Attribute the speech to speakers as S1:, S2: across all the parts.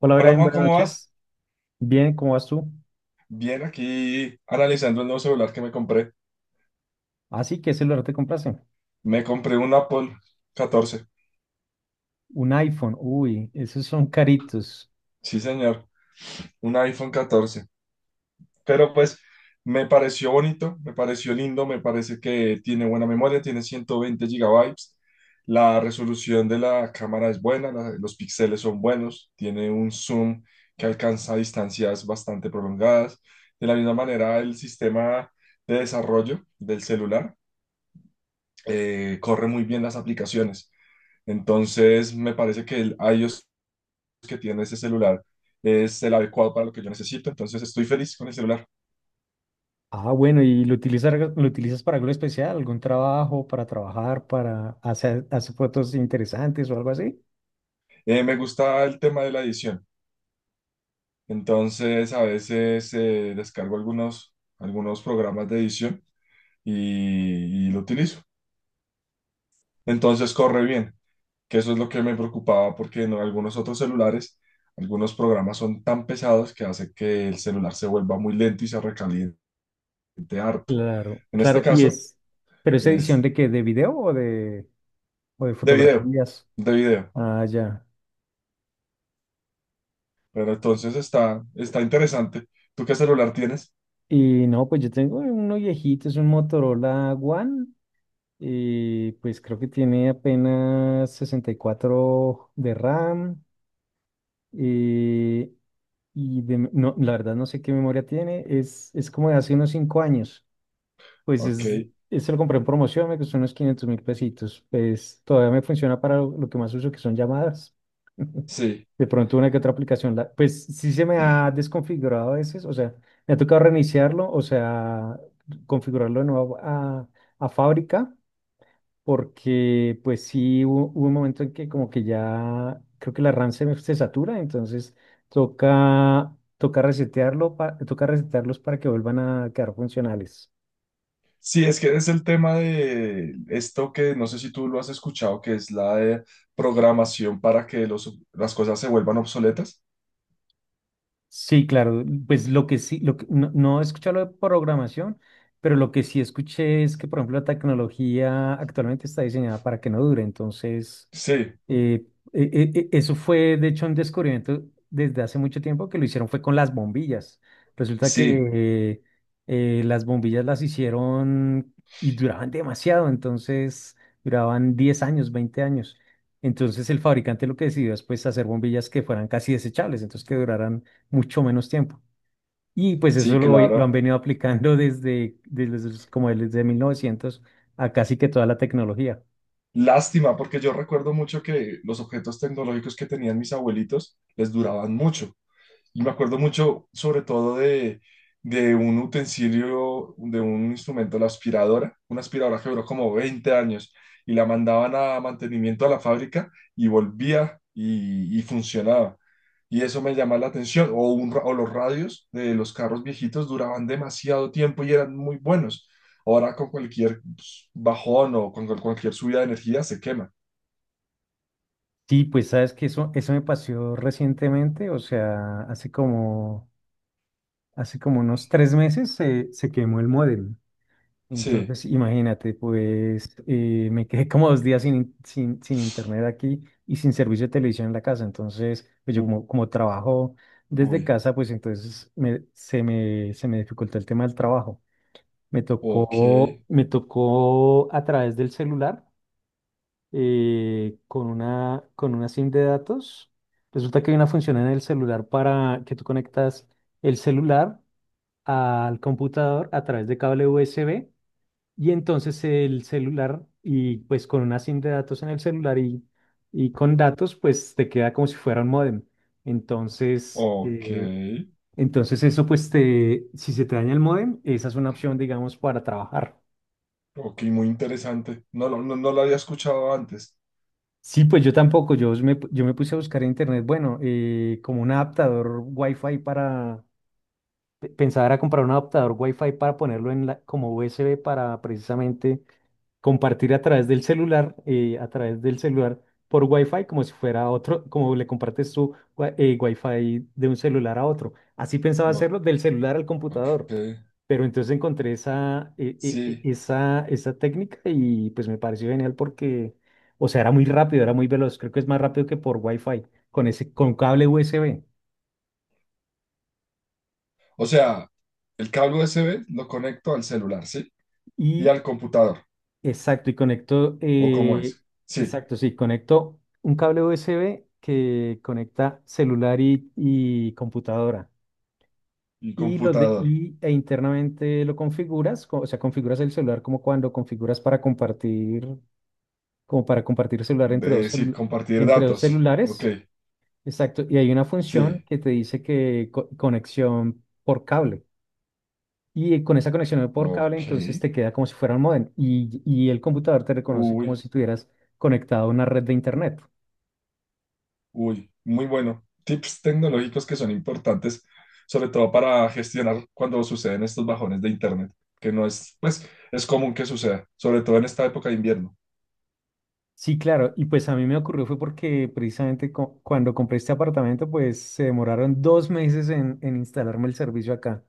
S1: Hola,
S2: Hola
S1: Brian,
S2: Juan,
S1: buenas
S2: ¿cómo vas?
S1: noches. Bien, ¿cómo vas tú?
S2: Bien, aquí analizando el nuevo celular que me compré.
S1: ¿Así que celular te compraste?
S2: Me compré un Apple 14.
S1: Un iPhone. Uy, esos son caritos.
S2: Sí, señor, un iPhone 14. Pero pues me pareció bonito, me pareció lindo, me parece que tiene buena memoria, tiene 120 gigabytes. La resolución de la cámara es buena, los píxeles son buenos, tiene un zoom que alcanza distancias bastante prolongadas. De la misma manera, el sistema de desarrollo del celular corre muy bien las aplicaciones. Entonces, me parece que el iOS que tiene ese celular es el adecuado para lo que yo necesito. Entonces, estoy feliz con el celular.
S1: Ah, bueno, ¿y lo utilizas para algo especial? ¿Algún trabajo, para trabajar, para hacer, hacer fotos interesantes o algo así?
S2: Me gusta el tema de la edición. Entonces, a veces descargo algunos programas de edición y lo utilizo. Entonces, corre bien, que eso es lo que me preocupaba porque en algunos otros celulares, algunos programas son tan pesados que hace que el celular se vuelva muy lento y se recaliente harto.
S1: Claro,
S2: En este
S1: claro. ¿Y
S2: caso,
S1: es, pero es
S2: es
S1: edición de qué? ¿De video o de
S2: de video,
S1: fotografías?
S2: de video.
S1: Ah, ya.
S2: Pero entonces está interesante. ¿Tú qué celular tienes?
S1: Y no, pues yo tengo uno viejito, es un Motorola One. Y pues creo que tiene apenas 64 de RAM. eh, y de, no, la verdad no sé qué memoria tiene. Es como de hace unos 5 años. Pues
S2: Ok,
S1: es, este lo compré en promoción, me costó unos 500.000 pesitos. Pues todavía me funciona para lo que más uso, que son llamadas.
S2: sí.
S1: De pronto una que otra aplicación. Pues sí se me ha desconfigurado a veces. O sea, me ha tocado reiniciarlo, o sea, configurarlo de nuevo a fábrica porque pues sí hubo un momento en que como que ya creo que la RAM se, se satura, entonces toca, toca resetearlo, toca resetearlos para que vuelvan a quedar funcionales.
S2: Sí, es que es el tema de esto que no sé si tú lo has escuchado, que es la de programación para que las cosas se vuelvan obsoletas.
S1: Sí, claro, pues lo que sí, lo que, no, no he escuchado lo de programación, pero lo que sí escuché es que, por ejemplo, la tecnología actualmente está diseñada para que no dure, entonces...
S2: Sí,
S1: Eh, Eso fue, de hecho, un descubrimiento desde hace mucho tiempo que lo hicieron fue con las bombillas. Resulta
S2: sí,
S1: que las bombillas las hicieron y duraban demasiado, entonces duraban 10 años, 20 años. Entonces el fabricante lo que decidió es pues hacer bombillas que fueran casi desechables, entonces que duraran mucho menos tiempo. Y pues eso
S2: sí,
S1: lo han
S2: claro.
S1: venido aplicando desde, como desde 1900 a casi que toda la tecnología.
S2: Lástima, porque yo recuerdo mucho que los objetos tecnológicos que tenían mis abuelitos les duraban mucho. Y me acuerdo mucho, sobre todo, de un utensilio, de un instrumento, la aspiradora, una aspiradora que duró como 20 años y la mandaban a mantenimiento a la fábrica y volvía y funcionaba. Y eso me llama la atención. O, o los radios de los carros viejitos duraban demasiado tiempo y eran muy buenos. Ahora con cualquier pues, bajón o con cualquier subida de energía se quema.
S1: Sí, pues sabes que eso me pasó recientemente, o sea, hace como unos 3 meses se, se quemó el módem.
S2: Sí.
S1: Entonces, imagínate, pues me quedé como 2 días sin, sin, sin internet aquí y sin servicio de televisión en la casa. Entonces, pues yo
S2: U-
S1: como, como trabajo desde
S2: Uy.
S1: casa, pues entonces se me dificultó el tema del trabajo.
S2: Ok.
S1: Me tocó a través del celular con una SIM de datos. Resulta que hay una función en el celular para que tú conectas el celular al computador a través de cable USB y entonces el celular y pues con una SIM de datos en el celular y con datos pues te queda como si fuera un módem. Entonces,
S2: Ok.
S1: entonces eso pues te, si se te daña el módem, esa es una opción digamos para trabajar.
S2: Ok, muy interesante. No, no lo había escuchado antes.
S1: Sí, pues yo tampoco, yo me, yo me puse a buscar en internet, bueno, como un adaptador Wi-Fi para, pensaba era comprar un adaptador Wi-Fi para ponerlo en la, como USB para precisamente compartir a través del celular, a través del celular por Wi-Fi, como si fuera otro, como le compartes tu wi- fi de un celular a otro. Así pensaba
S2: No,
S1: hacerlo del celular al computador.
S2: ok.
S1: Pero entonces encontré esa, e- e- e-
S2: Sí.
S1: esa técnica y pues me pareció genial porque, o sea, era muy rápido, era muy veloz. Creo que es más rápido que por Wi-Fi, con ese, con cable USB.
S2: O sea, el cable USB lo conecto al celular, ¿sí? Y
S1: Y
S2: al computador.
S1: exacto, y conecto,
S2: ¿O cómo es? Sí.
S1: exacto, sí, conecto un cable USB que conecta celular y computadora.
S2: Y
S1: Y, lo de,
S2: computador.
S1: y e internamente lo configuras, o sea, configuras el celular como cuando configuras para compartir, como para compartir celular entre
S2: De,
S1: dos,
S2: sí, compartir
S1: entre dos
S2: datos. Ok.
S1: celulares. Exacto, y hay una función
S2: Sí.
S1: que te dice que conexión por cable. Y con esa conexión por cable,
S2: Ok.
S1: entonces te queda como si fuera un módem y el computador te reconoce como
S2: Uy,
S1: si tuvieras conectado a una red de internet.
S2: uy. Muy bueno. Tips tecnológicos que son importantes, sobre todo para gestionar cuando suceden estos bajones de internet, que no es, pues, es común que suceda, sobre todo en esta época de invierno.
S1: Sí, claro, y pues a mí me ocurrió fue porque precisamente cuando compré este apartamento, pues se demoraron 2 meses en instalarme el servicio acá.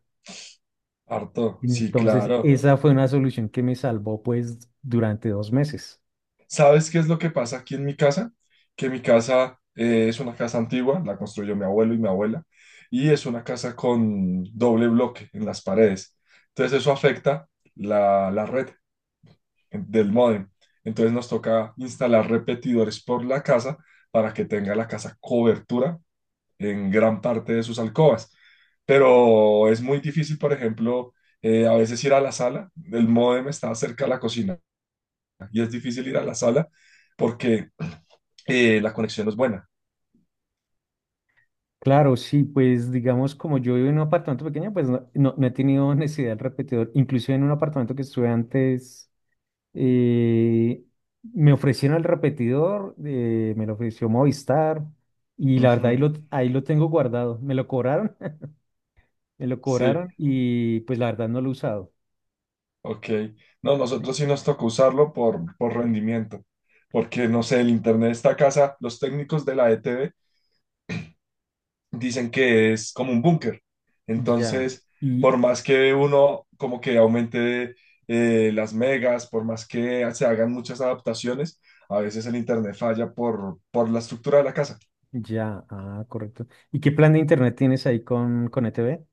S2: Harto, sí,
S1: Entonces,
S2: claro.
S1: esa fue una solución que me salvó pues durante 2 meses.
S2: ¿Sabes qué es lo que pasa aquí en mi casa? Que mi casa es una casa antigua, la construyó mi abuelo y mi abuela, y es una casa con doble bloque en las paredes. Entonces eso afecta la red del módem. Entonces nos toca instalar repetidores por la casa para que tenga la casa cobertura en gran parte de sus alcobas. Pero es muy difícil, por ejemplo, a veces ir a la sala, el módem está cerca de la cocina. Y es difícil ir a la sala porque la conexión no es buena.
S1: Claro, sí, pues digamos como yo vivo en un apartamento pequeño, pues no, no, no he tenido necesidad del repetidor. Inclusive en un apartamento que estuve antes Eh, me ofrecieron el repetidor, me lo ofreció Movistar y la verdad
S2: Ujú,
S1: ahí lo tengo guardado. Me lo cobraron, me lo
S2: sí,
S1: cobraron y pues la verdad no lo he usado.
S2: ok. No, nosotros sí nos tocó usarlo por rendimiento, porque no sé, el internet de esta casa, los técnicos de la ETV dicen que es como un búnker.
S1: Ya,
S2: Entonces,
S1: y
S2: por más que uno como que aumente las megas, por más que se hagan muchas adaptaciones, a veces el internet falla por la estructura de la casa.
S1: ya, ah, correcto. ¿Y qué plan de internet tienes ahí con ETV?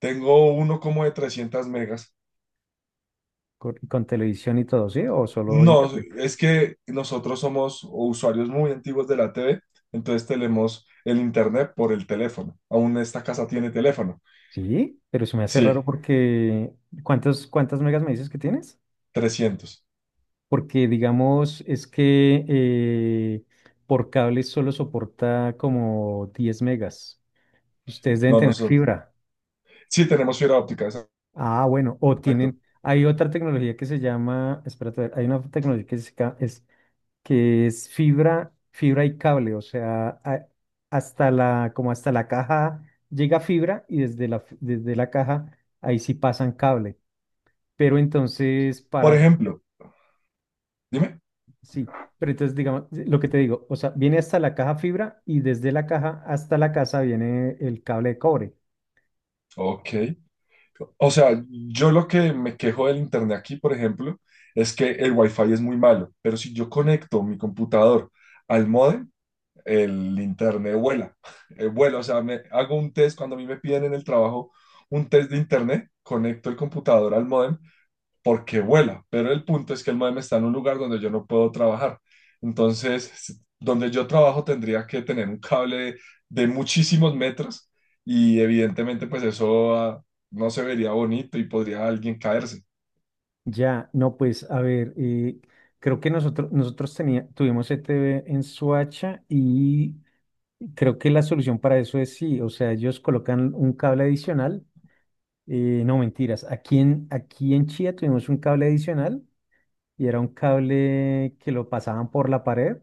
S2: Tengo uno como de 300 megas.
S1: Con televisión y todo, sí? ¿O solo
S2: No,
S1: internet?
S2: es que nosotros somos usuarios muy antiguos de la TV, entonces tenemos el internet por el teléfono. Aún esta casa tiene teléfono.
S1: Sí, pero se me hace raro
S2: Sí,
S1: porque ¿cuántos, cuántas megas me dices que tienes?
S2: 300.
S1: Porque digamos es que por cable solo soporta como 10 megas. Ustedes deben
S2: No,
S1: tener
S2: nosotros.
S1: fibra.
S2: Sí, tenemos fibra óptica,
S1: Ah, bueno, o
S2: exacto.
S1: tienen, hay otra tecnología que se llama, espérate, a ver, hay una tecnología que es, que es fibra, fibra y cable, o sea, hasta la, como hasta la caja llega fibra y desde la, desde la caja ahí sí pasan cable. Pero entonces,
S2: Por
S1: para
S2: ejemplo, dime.
S1: sí, pero entonces, digamos, lo que te digo, o sea, viene hasta la caja fibra y desde la caja hasta la casa viene el cable de cobre.
S2: Ok. O sea, yo lo que me quejo del internet aquí, por ejemplo, es que el wifi es muy malo, pero si yo conecto mi computador al módem, el internet vuela, vuela, o sea, me hago un test cuando a mí me piden en el trabajo un test de internet, conecto el computador al modem porque vuela, pero el punto es que el modem está en un lugar donde yo no puedo trabajar. Entonces, donde yo trabajo tendría que tener un cable de muchísimos metros y evidentemente pues eso ah, no se vería bonito y podría alguien caerse.
S1: Ya, no, pues, a ver, creo que nosotros, tuvimos ETV en Soacha y creo que la solución para eso es sí, o sea, ellos colocan un cable adicional, no mentiras, aquí en, aquí en Chía tuvimos un cable adicional y era un cable que lo pasaban por la pared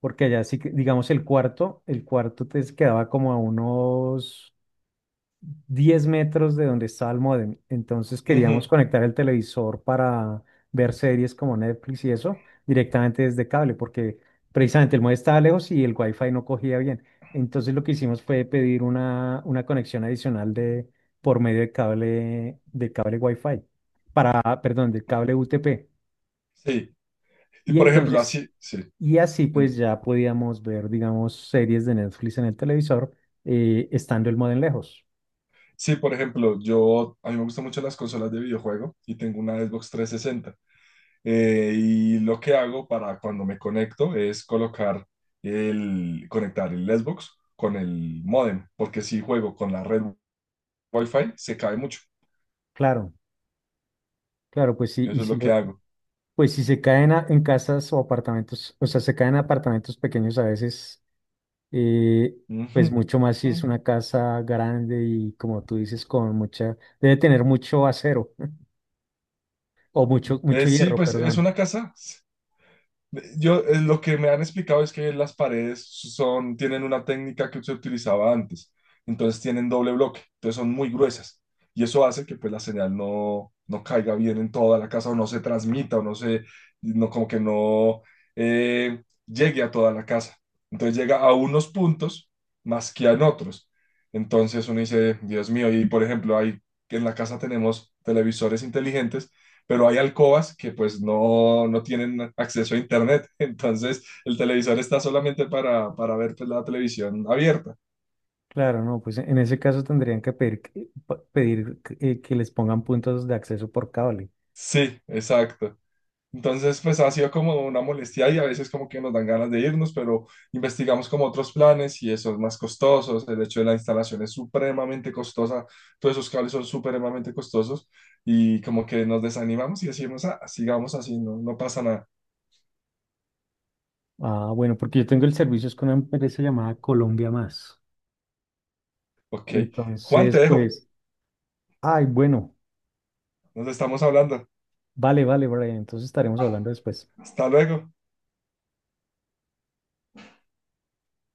S1: porque allá sí que, digamos, el cuarto te quedaba como a unos 10 metros de donde estaba el módem. Entonces queríamos
S2: Ujú,
S1: conectar el televisor para ver series como Netflix y eso directamente desde cable, porque precisamente el módem estaba lejos y el wifi no cogía bien. Entonces lo que hicimos fue pedir una conexión adicional de, por medio de cable wifi, para, perdón, de cable UTP.
S2: sí, y
S1: Y
S2: por ejemplo
S1: entonces,
S2: así, sí.
S1: y así pues ya podíamos ver, digamos, series de Netflix en el televisor, estando el modem lejos.
S2: Sí, por ejemplo, yo, a mí me gustan mucho las consolas de videojuego y tengo una Xbox 360. Y lo que hago para cuando me conecto es colocar conectar el Xbox con el módem, porque si juego con la red Wi-Fi se cae mucho.
S1: Claro, claro, pues sí, y
S2: Eso es
S1: si
S2: lo que
S1: lo,
S2: hago.
S1: pues si se caen en casas o apartamentos, o sea, se caen en apartamentos pequeños a veces, eh, pues
S2: Ujú.
S1: mucho más si es una casa grande y como tú dices, con mucha, debe tener mucho acero o mucho, mucho
S2: Sí,
S1: hierro,
S2: pues es
S1: perdón.
S2: una casa. Yo, lo que me han explicado es que las paredes son, tienen una técnica que se utilizaba antes, entonces tienen doble bloque, entonces son muy gruesas y eso hace que pues la señal no caiga bien en toda la casa o no se transmita o no, como que no llegue a toda la casa. Entonces llega a unos puntos más que a en otros. Entonces uno dice, Dios mío, y por ejemplo, ahí en la casa tenemos televisores inteligentes pero hay alcobas que pues no tienen acceso a internet, entonces el televisor está solamente para ver pues, la televisión abierta.
S1: Claro, no, pues en ese caso tendrían que pedir, pedir que les pongan puntos de acceso por cable.
S2: Sí, exacto. Entonces, pues ha sido como una molestia y a veces como que nos dan ganas de irnos, pero investigamos como otros planes y eso es más costoso. El hecho de la instalación es supremamente costosa, todos esos cables son supremamente costosos y como que nos desanimamos y decimos, ah, sigamos así, no, no pasa nada.
S1: Ah, bueno, porque yo tengo el servicio es con una empresa llamada Colombia Más.
S2: Ok, Juan,
S1: Entonces,
S2: te dejo,
S1: pues, ay, bueno,
S2: nos estamos hablando.
S1: vale, vale, Brian, entonces estaremos hablando después.
S2: Hasta luego.